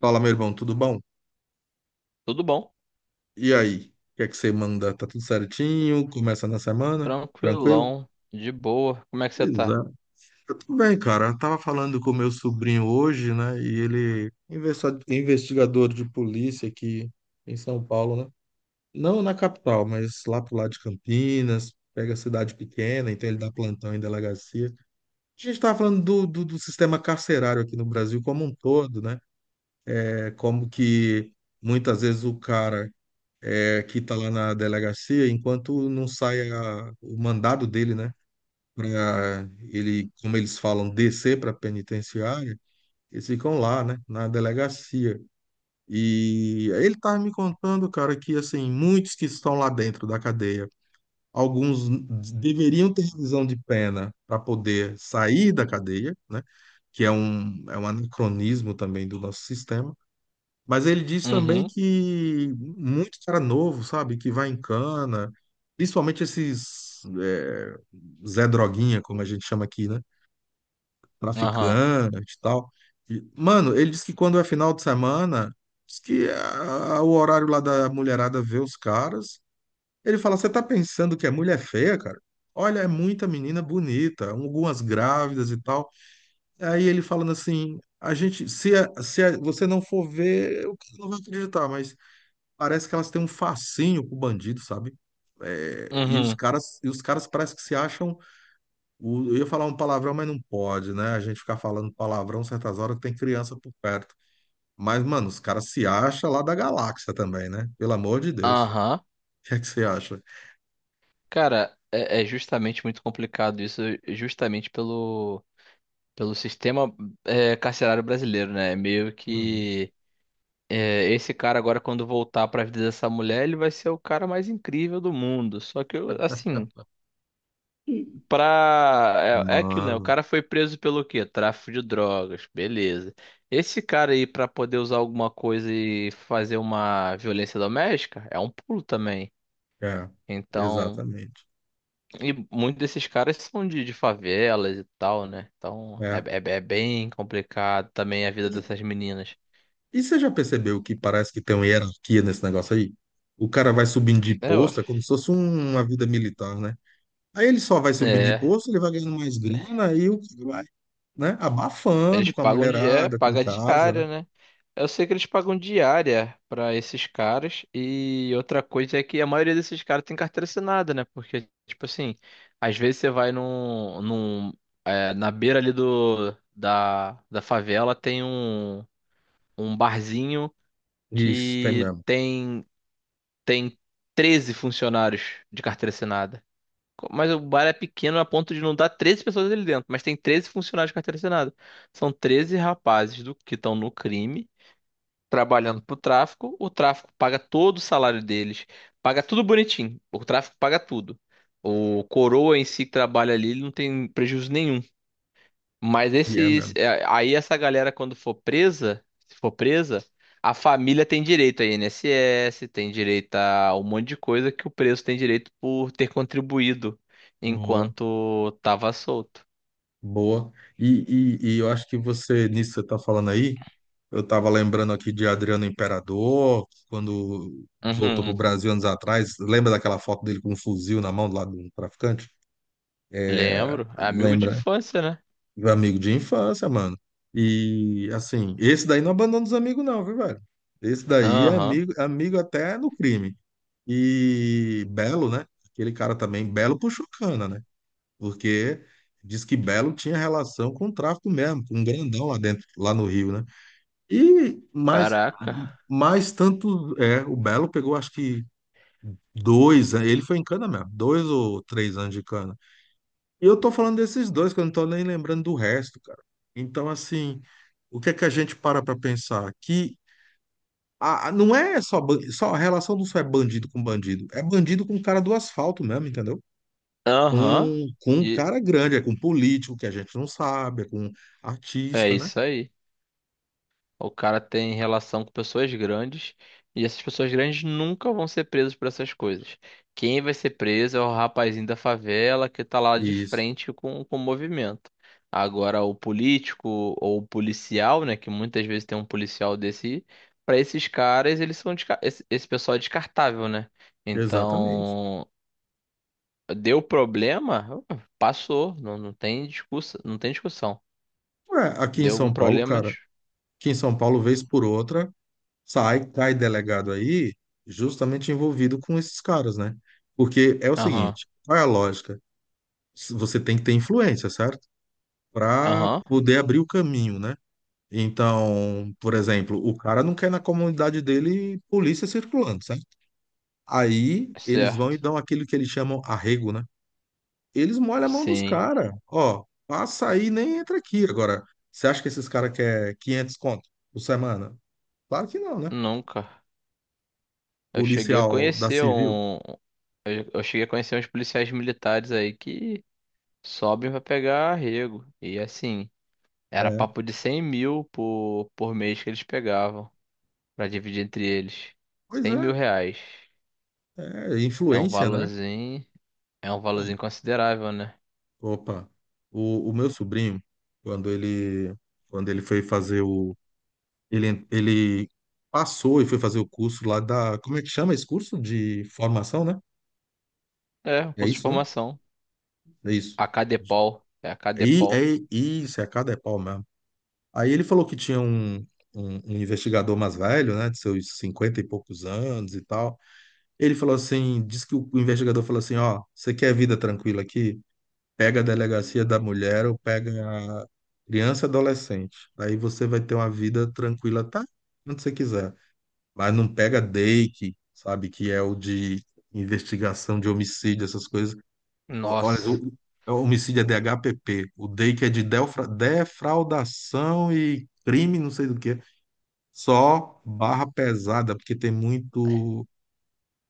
Fala, meu irmão, tudo bom? Tudo bom? E aí? O que é que você manda? Tá tudo certinho? Começa na semana? Tranquilo? Tranquilão, de boa. Como é que você tá? Exato. Eu tô bem, cara. Eu tava falando com o meu sobrinho hoje, né? E ele investigador de polícia aqui em São Paulo, né? Não na capital, mas lá pro lado de Campinas, pega cidade pequena, então ele dá plantão em delegacia. A gente tava falando do sistema carcerário aqui no Brasil como um todo, né? É como que muitas vezes o cara aqui está lá na delegacia, enquanto não sai o mandado dele, né? Para ele, como eles falam, descer para a penitenciária, eles ficam lá, né? Na delegacia. E aí ele estava me contando, cara, que assim, muitos que estão lá dentro da cadeia, alguns deveriam ter revisão de pena para poder sair da cadeia, né? Que é um anacronismo também do nosso sistema, mas ele diz também Uhum, que muito cara novo, sabe, que vai em cana, principalmente esses Zé Droguinha, como a gente chama aqui, né? aham, Traficante e tal. E, mano, ele diz que quando é final de semana, diz que o horário lá da mulherada vê os caras. Ele fala: Você tá pensando que é mulher feia, cara? Olha, é muita menina bonita, algumas grávidas e tal. Aí ele falando assim: A gente, se, a- se a- você não for ver, eu não vou acreditar, mas parece que elas têm um fascínio pro bandido, sabe? É, e os uhum, caras, e os caras parece que se acham. Eu ia falar um palavrão, mas não pode, né? A gente ficar falando palavrão certas horas que tem criança por perto. Mas, mano, os caras se acham lá da galáxia também, né? Pelo amor de Deus. aham. O que é que você acha? Cara, é justamente muito complicado isso, justamente pelo, pelo sistema carcerário brasileiro, né? É meio Uhum. que esse cara agora, quando voltar pra vida dessa mulher, ele vai ser o cara mais incrível do mundo. Só que, eu, assim. Pra. É aquilo, né? O Mano, cara foi preso pelo quê? Tráfico de drogas, beleza. Esse cara aí, pra poder usar alguma coisa e fazer uma violência doméstica, é um pulo também. é, Então, exatamente. e muitos desses caras são de favelas e tal, né? Então, é, É. é- é bem complicado também a vida E, dessas meninas. e você já percebeu que parece que tem uma hierarquia nesse negócio aí? O cara vai subindo de É, ó. posto, é como se fosse uma vida militar, né? Aí ele só vai subir de É. posto, ele vai ganhando mais grana, aí o cara vai, né? Eles Abafando com a pagam di- mulherada, com paga casa, né? diária, né? Eu sei que eles pagam diária pra esses caras e outra coisa é que a maioria desses caras tem carteira assinada, né? Porque tipo assim, às vezes você vai num, na beira ali do da, da favela tem um, um barzinho Isso, tem que mesmo. tem tem 13 funcionários de carteira assinada. Mas o bar é pequeno a ponto de não dar 13 pessoas ali dentro, mas tem 13 funcionários de carteira assinada. São 13 rapazes do que estão no crime, trabalhando pro tráfico. O tráfico paga todo o salário deles, paga tudo bonitinho. O tráfico paga tudo. O coroa em si que trabalha ali, ele não tem prejuízo nenhum. Mas E é esses. mesmo. Aí essa galera, quando for presa, se for presa, a família tem direito a INSS, tem direito a um monte de coisa que o preso tem direito por ter contribuído Boa, enquanto tava solto. boa. E eu acho que você, nisso que você tá falando aí, eu tava lembrando aqui de Adriano Imperador, quando voltou pro Uhum. Brasil anos atrás, lembra daquela foto dele com um fuzil na mão do lado do traficante? É, Lembro. É amigo de lembra? infância, né? Meu amigo de infância, mano. E assim, esse daí não abandona os amigos, não, viu, velho? Esse daí é Aham. amigo, amigo até no crime. E Belo, né? Aquele cara também, Belo puxou cana, né? Porque diz que Belo tinha relação com o tráfico mesmo, com um grandão lá dentro, lá no Rio, né? E mais, Caraca. mais tanto, o Belo pegou acho que dois, ele foi em cana mesmo, 2 ou 3 anos de cana. E eu tô falando desses dois, que eu não tô nem lembrando do resto, cara. Então, assim, o que é que a gente para pra pensar? Que não é só, só a relação não só é bandido com bandido, é bandido com o cara do asfalto mesmo, entendeu? Com, Aham. com um E cara grande, é com político que a gente não sabe, é com é artista, né? isso aí. O cara tem relação com pessoas grandes e essas pessoas grandes nunca vão ser presas por essas coisas. Quem vai ser preso é o rapazinho da favela que tá lá de Isso, frente com o movimento. Agora, o político ou o policial, né, que muitas vezes tem um policial desse, para esses caras, eles são desca- esse pessoal é descartável, né? exatamente. Então, deu problema, passou, não, não tem discussão, não tem discussão. Ué, aqui em Deu algum São Paulo, problema, cara, de- aqui em São Paulo, vez por outra, sai, cai delegado aí, justamente envolvido com esses caras, né? Porque é o aham, seguinte, qual é a lógica? Você tem que ter influência, certo? Para aham, poder abrir o caminho, né? Então, por exemplo, o cara não quer na comunidade dele polícia circulando, certo? Aí eles vão certo. e dão aquilo que eles chamam arrego, né? Eles molham a mão dos Sim, caras. Ó, passa aí, nem entra aqui. Agora, você acha que esses caras querem 500 conto por semana? Claro que não, né? nunca. Eu cheguei a Policial da conhecer civil. um. Eu cheguei a conhecer uns policiais militares aí que sobem pra pegar arrego. E assim, era É. papo de 100 mil por mês que eles pegavam pra dividir entre eles. Pois cem mil é, reais. é É um influência, né? valorzinho. É um valorzinho considerável, né? Opa, o meu sobrinho, quando ele, quando ele foi fazer ele passou e foi fazer o curso lá da, como é que chama esse curso? De formação, né? É, um É curso de isso, né? formação. É isso. A Cadepol. É a E, Cadepol. é isso, é cada é pau mesmo. Aí ele falou que tinha um investigador mais velho, né, de seus 50 e poucos anos e tal. Ele falou assim, disse que o investigador falou assim, ó, você quer vida tranquila aqui? Pega a delegacia da mulher ou pega a criança e adolescente. Aí você vai ter uma vida tranquila, tá? Onde você quiser. Mas não pega DEIC, sabe? Que é o de investigação de homicídio, essas coisas. Olha, Nossa. o homicídio é DHPP. O DEIC é de defraudação e crime, não sei do que. Só barra pesada, porque tem muito,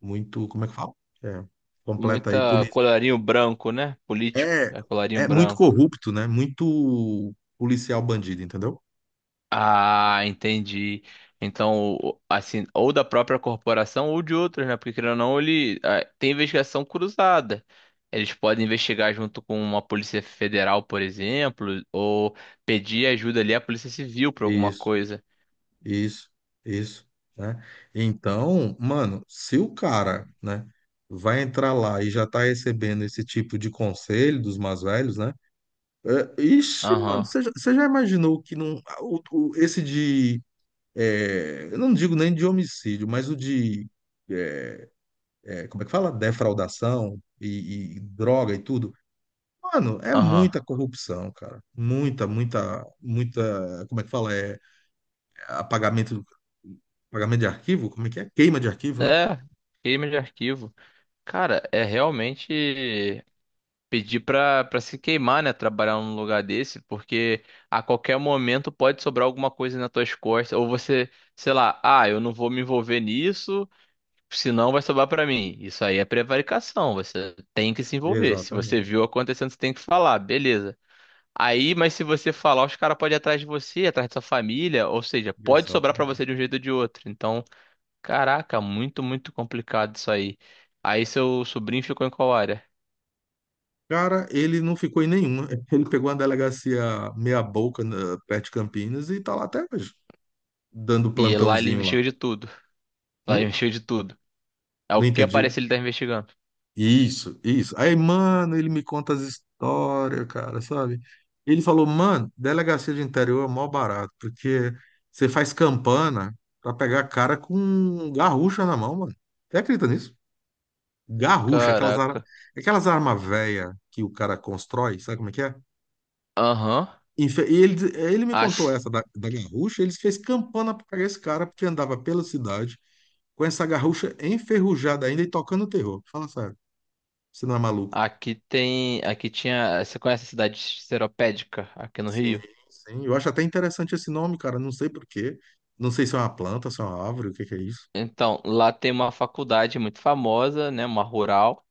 muito, como é que fala? É, completa aí, Muita colarinho branco, né? Político. é, É colarinho é muito branco. corrupto, né? Muito policial bandido, entendeu? Ah, entendi. Então, o- assim, ou da própria corporação ou de outras, né? Porque querendo ou não, ele ah, tem investigação cruzada. Eles podem investigar junto com uma Polícia Federal, por exemplo, ou pedir ajuda ali à Polícia Civil para alguma Isso, coisa. isso, isso, né? Então, mano, se o cara, né, vai entrar lá e já tá recebendo esse tipo de conselho dos mais velhos, né? É, ixi, mano, Aham, você já imaginou que não, esse de, eu não digo nem de homicídio, mas o de, é, como é que fala? Defraudação e droga e tudo. Mano, é aham. muita corrupção, cara. Muita, muita, muita. Como é que fala? É apagamento, apagamento de arquivo? Como é que é? Queima de arquivo, né? É, crime de arquivo. Cara, é realmente. Pedir pra, pra se queimar, né? Trabalhar num lugar desse, porque a qualquer momento pode sobrar alguma coisa nas tuas costas, ou você, sei lá, ah, eu não vou me envolver nisso, senão vai sobrar pra mim. Isso aí é prevaricação, você tem que se envolver. Se você Exatamente. viu acontecendo, você tem que falar, beleza. Aí, mas se você falar, os caras podem ir atrás de você, atrás da sua família, ou seja, pode sobrar pra Exatamente. você de um jeito ou de outro. Então, caraca, muito, muito complicado isso aí. Aí seu sobrinho ficou em qual área? Cara, ele não ficou em nenhuma. Ele pegou uma delegacia meia-boca perto de Campinas e tá lá até hoje, dando E lá ele plantãozinho lá. investiga de tudo. Lá Hum? investiu de tudo. É o Não que entendi. aparece ele tá investigando. Isso, isso. Aí, mano, ele me conta as histórias, cara, sabe? Ele falou, mano, delegacia de interior é mó barato, porque você faz campana pra pegar cara com garrucha na mão, mano. Você acredita nisso? Garrucha, aquelas, ar... Caraca. aquelas armas velhas que o cara constrói, sabe como é que é? Aham. E ele me A- contou essa da garrucha, eles fez campana pra pegar esse cara, porque andava pela cidade com essa garrucha enferrujada ainda e tocando terror. Fala sério, você não é maluco. Aqui, tem. Aqui tinha. Você conhece a cidade Seropédica, aqui no Sim, Rio? sim. Eu acho até interessante esse nome, cara. Não sei por quê. Não sei se é uma planta, se é uma árvore, o que que é isso. Então, lá tem uma faculdade muito famosa, né? Uma rural.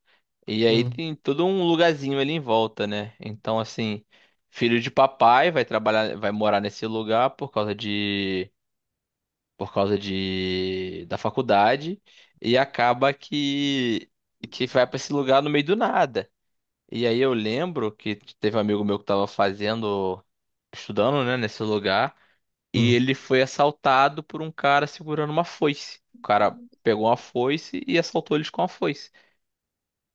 E aí Hum, tem todo um lugarzinho ali em volta, né? Então, assim, filho de papai vai trabalhar, vai morar nesse lugar por causa de. Por causa de. Da faculdade. E acaba que. Que vai pra esse lugar no meio do nada. E aí eu lembro que teve um amigo meu que tava fazendo, estudando, né, nesse lugar, e hum. ele foi assaltado por um cara segurando uma foice. O cara pegou uma foice e assaltou eles com a foice.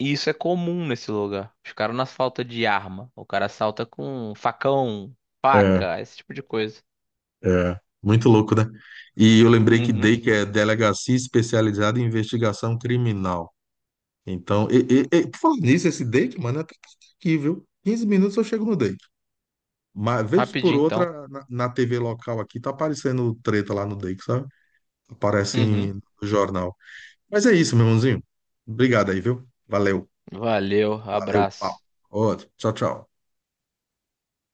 E isso é comum nesse lugar. Os caras não assaltam de arma. O cara assalta com facão, É, faca, esse tipo de coisa. é. Muito louco, né? E eu lembrei que Uhum. DEI, que é Delegacia Especializada em Investigação Criminal. Então, por falar nisso, esse DEIC, mano, é até aqui, viu? 15 minutos eu chego no DEIC. Mas, vez por Rapidinho então. outra, na TV local aqui, tá aparecendo treta lá no DEIC, sabe? Aparece Uhum. No jornal. Mas é isso, meu irmãozinho. Obrigado aí, viu? Valeu. Valeu, Valeu, papo. abraço. Outro. Tchau, tchau.